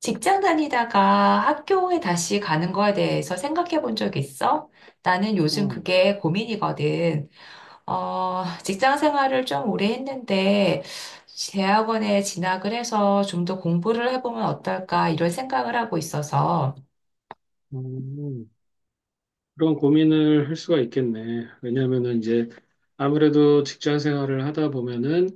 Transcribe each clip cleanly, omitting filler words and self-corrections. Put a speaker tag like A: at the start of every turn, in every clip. A: 직장 다니다가 학교에 다시 가는 거에 대해서 생각해 본 적 있어? 나는 요즘
B: 어,
A: 그게 고민이거든. 직장 생활을 좀 오래 했는데, 대학원에 진학을 해서 좀 더 공부를 해보면 어떨까, 이런 생각을 하고 있어서.
B: 음, 그런 고민을 할 수가 있겠네. 왜냐하면은 이제 아무래도 직장 생활을 하다 보면은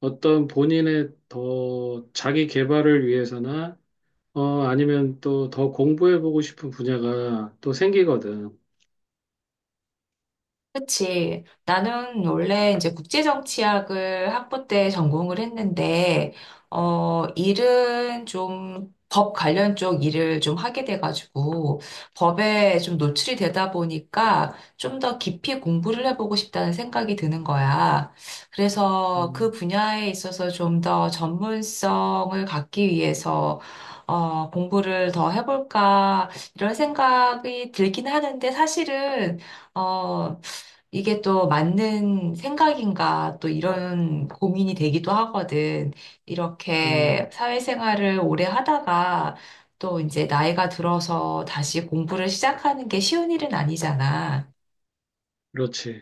B: 어떤 본인의 더 자기 개발을 위해서나 아니면 또 더 공부해보고 싶은 분야가 또 생기거든.
A: 그치. 나는 원래 이제 국제정치학을 학부 때 전공을 했는데, 일은 좀 법 관련 쪽 일을 좀 하게 돼가지고, 법에 좀 노출이 되다 보니까 좀 더 깊이 공부를 해보고 싶다는 생각이 드는 거야. 그래서 그
B: 음,
A: 분야에 있어서 좀 더 전문성을 갖기 위해서, 공부를 더 해볼까, 이런 생각이 들긴 하는데, 사실은 어, 이게 또 맞는 생각인가 또 이런 고민이 되기도 하거든. 이렇게
B: 음,
A: 사회생활을 오래 하다가 또 이제 나이가 들어서 다시 공부를 시작하는 게 쉬운 일은 아니잖아.
B: 그렇지.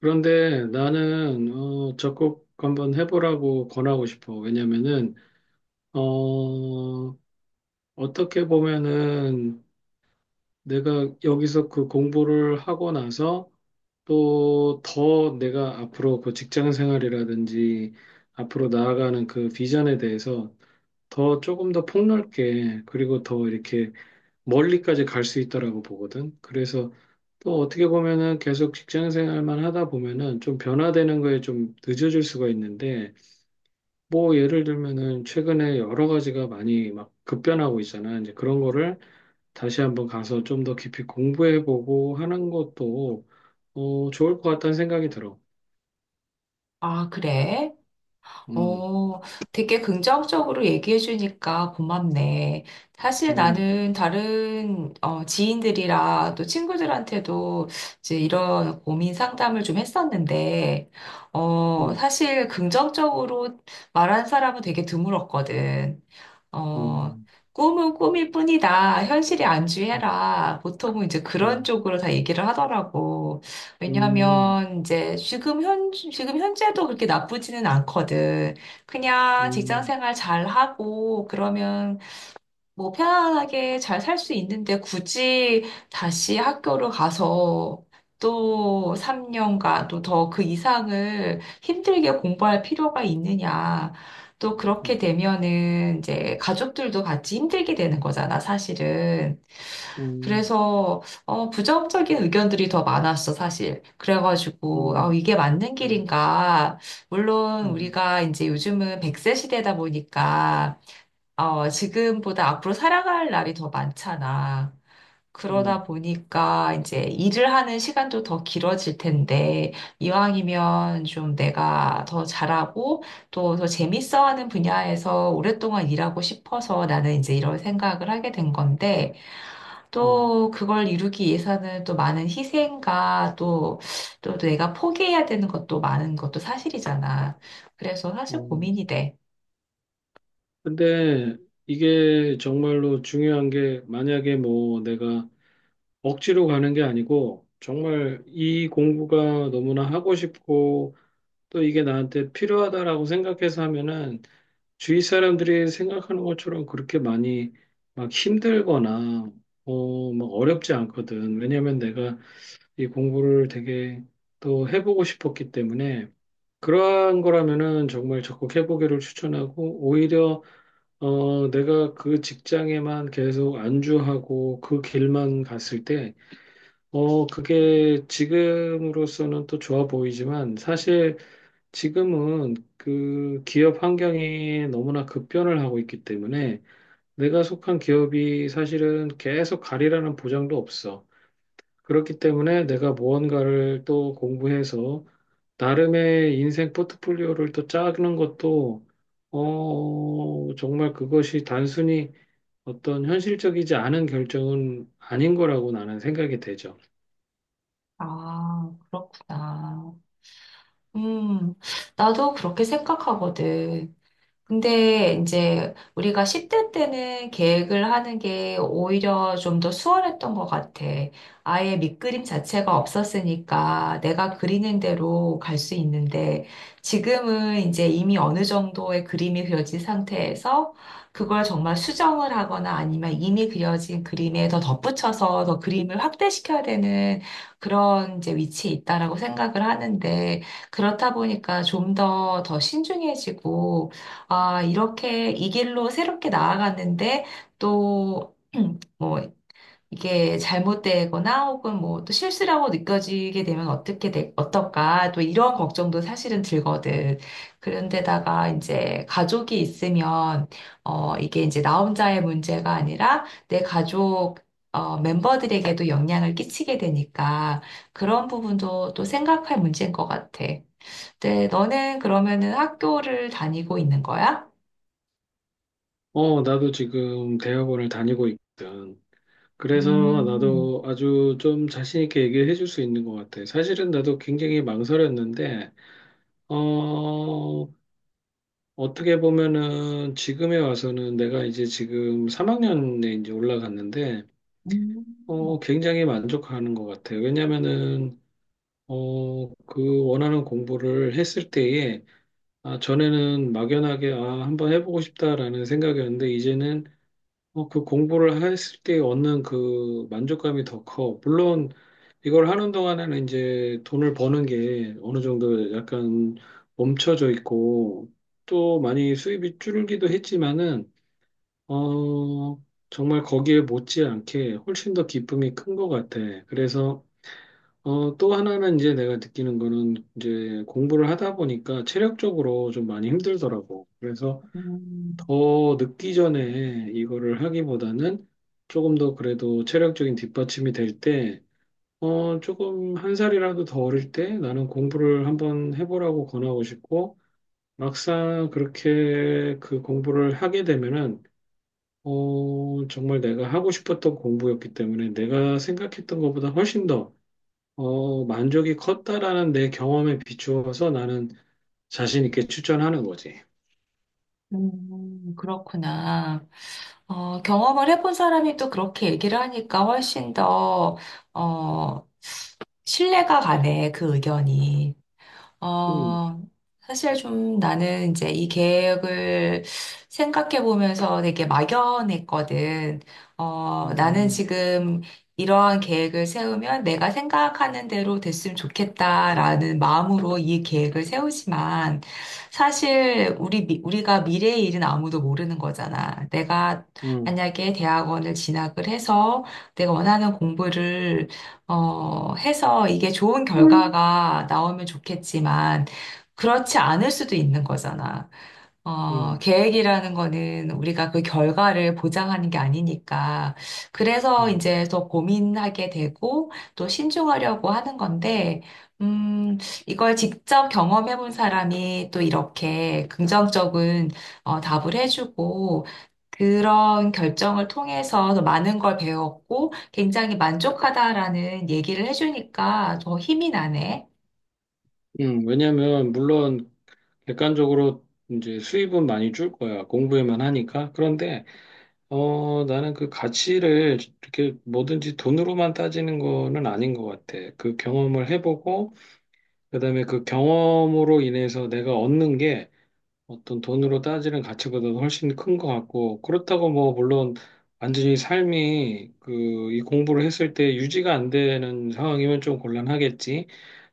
B: 그런데 나는 적극 한번 해보라고 권하고 싶어. 왜냐면은 어, 어떻게 보면은 내가 여기서 그 공부를 하고 나서 또 더 내가 앞으로 그 직장 생활이라든지 앞으로 나아가는 그 비전에 대해서 더 조금 더 폭넓게 그리고 더 이렇게 멀리까지 갈 수 있다라고 보거든. 그래서 또 어떻게 보면은 계속 직장 생활만 하다 보면은 좀 변화되는 거에 좀 늦어질 수가 있는데 뭐 예를 들면은 최근에 여러 가지가 많이 막 급변하고 있잖아. 이제 그런 거를 다시 한번 가서 좀 더 깊이 공부해보고 하는 것도 좋을 것 같다는 생각이 들어.
A: 아, 그래?
B: 음,
A: 어, 되게 긍정적으로 얘기해 주니까 고맙네. 사실
B: 음,
A: 나는 다른 지인들이랑 또 친구들한테도 이제 이런 고민 상담을 좀 했었는데,
B: 음,
A: 사실 긍정적으로 말한 사람은 되게 드물었거든. 어,
B: 음,
A: 꿈은 꿈일 뿐이다. 현실에
B: 음,
A: 안주해라. 보통은 이제 그런
B: 음,
A: 쪽으로 다 얘기를 하더라고.
B: 음,
A: 왜냐하면 이제 지금 현재도 그렇게 나쁘지는 않거든.
B: 음,
A: 그냥 직장
B: 음,
A: 생활 잘하고 그러면 뭐 편안하게 잘 살 수 있는데 굳이 다시 학교를 가서 또 3년간 또 더 그 이상을 힘들게 공부할 필요가 있느냐. 또 그렇게
B: 음,
A: 되면은 이제 가족들도 같이 힘들게 되는 거잖아, 사실은.
B: 음,
A: 그래서 부정적인 의견들이 더 많았어, 사실. 그래가지고 아,
B: 음,
A: 이게 맞는 길인가. 물론
B: 음,
A: 우리가 이제 요즘은 100세 시대다 보니까 지금보다 앞으로 살아갈 날이 더 많잖아.
B: 음,
A: 그러다 보니까 이제 일을 하는 시간도 더 길어질 텐데, 이왕이면 좀 내가 더 잘하고 또 더 재밌어하는 분야에서 오랫동안 일하고 싶어서 나는 이제 이런 생각을 하게 된 건데,
B: 음,
A: 또 그걸 이루기 위해서는 또 많은 희생과 또, 또 내가 포기해야 되는 것도 많은 것도 사실이잖아. 그래서 사실
B: 음.
A: 고민이 돼.
B: 근데 이게 정말로 중요한 게 만약에 뭐 내가 억지로 가는 게 아니고 정말 이 공부가 너무나 하고 싶고 또 이게 나한테 필요하다라고 생각해서 하면은 주위 사람들이 생각하는 것처럼 그렇게 많이 막 힘들거나 막 어렵지 않거든. 왜냐면 내가 이 공부를 되게 또 해보고 싶었기 때문에 그러한 거라면은 정말 적극 해보기를 추천하고 오히려 내가 그 직장에만 계속 안주하고 그 길만 갔을 때 그게 지금으로서는 또 좋아 보이지만 사실 지금은 그 기업 환경이 너무나 급변을 하고 있기 때문에 내가 속한 기업이 사실은 계속 가리라는 보장도 없어. 그렇기 때문에 내가 무언가를 또 공부해서 나름의 인생 포트폴리오를 또 짜는 것도 정말 그것이 단순히 어떤 현실적이지 않은 결정은 아닌 거라고 나는 생각이 되죠.
A: 아, 그렇구나. 음, 나도 그렇게 생각하거든. 근데 이제 우리가 10대 때는 계획을 하는 게 오히려 좀 더 수월했던 것 같아. 아예 밑그림 자체가 없었으니까 내가 그리는 대로 갈 수 있는데 지금은 이제 이미 어느 정도의 그림이 그려진 상태에서 그걸 정말 수정을 하거나 아니면 이미 그려진 그림에 더 덧붙여서 더 그림을 확대시켜야 되는 그런 이제 위치에 있다라고 생각을 하는데 그렇다 보니까 좀 더 신중해지고 아, 이렇게 이 길로 새롭게 나아갔는데 또 뭐 이게 잘못되거나 혹은 뭐 또 실수라고 느껴지게 되면 어떨까? 또 이런 걱정도 사실은 들거든. 그런데다가 이제 가족이 있으면 이게 이제 나 혼자의 문제가 아니라 내 가족 멤버들에게도 영향을 끼치게 되니까 그런 부분도 또 생각할 문제인 것 같아. 근데 너는 그러면은 학교를 다니고 있는 거야?
B: 어 나도 지금 대학원을 다니고 있거든. 그래서
A: 음,
B: 나도 아주 좀 자신 있게 얘기를 해줄 수 있는 것 같아. 사실은 나도 굉장히 망설였는데, 어, 어떻게 보면은 지금에 와서는 내가 이제 지금 3학년에 이제 올라갔는데,
A: 음,
B: 굉장히 만족하는 것 같아. 왜냐면은, 그 원하는 공부를 했을 때에, 아, 전에는 막연하게, 아, 한번 해보고 싶다라는 생각이었는데, 이제는 그 공부를 했을 때 얻는 그 만족감이 더 커. 물론 이걸 하는 동안에는 이제 돈을 버는 게 어느 정도 약간 멈춰져 있고 또 많이 수입이 줄기도 했지만은 어 정말 거기에 못지않게 훨씬 더 기쁨이 큰 것 같아. 그래서 또 하나는 이제 내가 느끼는 거는 이제 공부를 하다 보니까 체력적으로 좀 많이 힘들더라고. 그래서
A: 음,
B: 더 늦기 전에 이거를 하기보다는 조금 더 그래도 체력적인 뒷받침이 될 때, 조금 한 살이라도 더 어릴 때 나는 공부를 한번 해보라고 권하고 싶고, 막상 그렇게 그 공부를 하게 되면은, 정말 내가 하고 싶었던 공부였기 때문에 내가 생각했던 것보다 훨씬 더, 만족이 컸다라는 내 경험에 비추어서 나는 자신 있게 추천하는 거지.
A: 그렇구나. 어, 경험을 해본 사람이 또 그렇게 얘기를 하니까 훨씬 더, 어, 신뢰가 가네, 그 의견이.
B: 음,
A: 어, 사실 좀 나는 이제 이 계획을 생각해 보면서 되게 막연했거든. 나는
B: 음,
A: 지금 이러한 계획을 세우면 내가 생각하는 대로 됐으면 좋겠다라는 마음으로 이 계획을 세우지만 우리가 미래의 일은 아무도 모르는 거잖아. 내가
B: 음,
A: 만약에 대학원을 진학을 해서 내가 원하는 공부를 해서 이게 좋은 결과가 나오면 좋겠지만, 그렇지 않을 수도 있는 거잖아.
B: 음.
A: 계획이라는 거는 우리가 그 결과를 보장하는 게 아니니까. 그래서
B: 음,
A: 이제 더 고민하게 되고, 또 신중하려고 하는 건데, 음, 이걸 직접 경험해 본 사람이 또 이렇게 긍정적인 답을 해주고, 그런 결정을 통해서 더 많은 걸 배웠고 굉장히 만족하다라는 얘기를 해주니까 더 힘이 나네.
B: 왜냐면, 물론, 객관적으로 이제 수입은 많이 줄 거야. 공부에만 하니까. 그런데, 나는 그 가치를 이렇게 뭐든지 돈으로만 따지는 거는 아닌 것 같아. 그 경험을 해보고, 그다음에 그 경험으로 인해서 내가 얻는 게 어떤 돈으로 따지는 가치보다 도 훨씬 큰 것 같고, 그렇다고 뭐, 물론, 완전히 삶이 그, 이 공부를 했을 때 유지가 안 되는 상황이면 좀 곤란하겠지.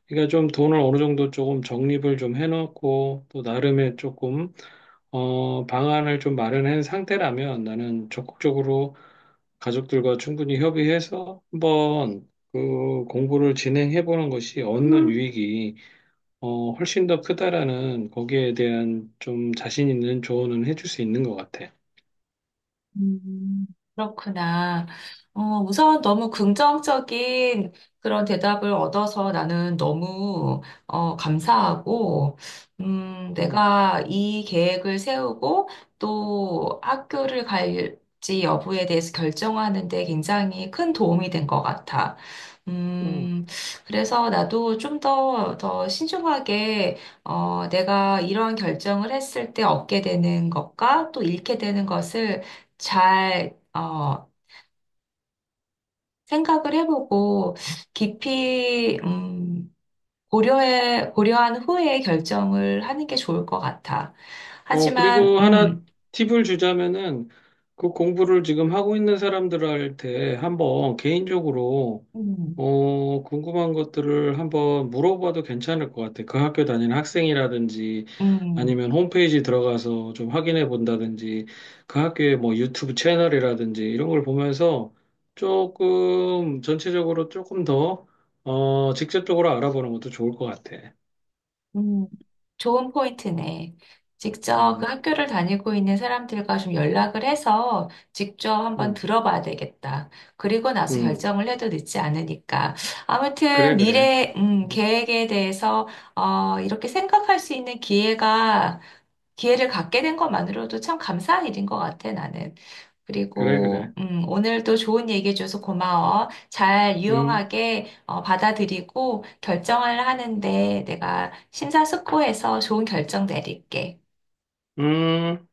B: 그러니까 좀 돈을 어느 정도 조금 적립을 좀 해놓고 또 나름의 조금 방안을 좀 마련한 상태라면 나는 적극적으로 가족들과 충분히 협의해서 한번 그 공부를 진행해 보는 것이 얻는 유익이 훨씬 더 크다라는 거기에 대한 좀 자신 있는 조언은 해줄 수 있는 것 같아.
A: 음, 그렇구나. 어, 우선 너무 긍정적인 그런 대답을 얻어서 나는 너무 감사하고,
B: 음,
A: 내가 이 계획을 세우고 또 학교를 갈지 여부에 대해서 결정하는 데 굉장히 큰 도움이 된 것 같아.
B: 음.
A: 음, 그래서 나도 더 신중하게, 내가 이런 결정을 했을 때 얻게 되는 것과 또 잃게 되는 것을 잘 생각을 해보고 깊이, 고려한 후에 결정을 하는 게 좋을 것 같아. 하지만,
B: 그리고 하나 팁을 주자면은 그 공부를 지금 하고 있는 사람들한테 한번 개인적으로
A: 음,
B: 궁금한 것들을 한번 물어봐도 괜찮을 것 같아. 그 학교 다니는 학생이라든지
A: 음.
B: 아니면 홈페이지 들어가서 좀 확인해 본다든지 그 학교의 뭐 유튜브 채널이라든지 이런 걸 보면서 조금 전체적으로 조금 더 직접적으로 알아보는 것도 좋을 것 같아.
A: 음, 좋은 포인트네. 직접 그
B: 음,
A: 학교를 다니고 있는 사람들과 좀 연락을 해서 직접 한번
B: 음,
A: 들어봐야 되겠다. 그리고 나서
B: 음.
A: 결정을 해도 늦지 않으니까. 아무튼
B: 그래, 그래.
A: 미래,
B: 음.
A: 계획에 대해서, 이렇게 생각할 수 있는 기회를 갖게 된 것만으로도 참 감사한 일인 것 같아, 나는.
B: 그래,
A: 그리고,
B: 그래.
A: 오늘도 좋은 얘기해줘서 고마워. 잘
B: 응,
A: 유용하게 받아들이고 결정을 하는데 내가 심사숙고해서 좋은 결정 내릴게.
B: 응.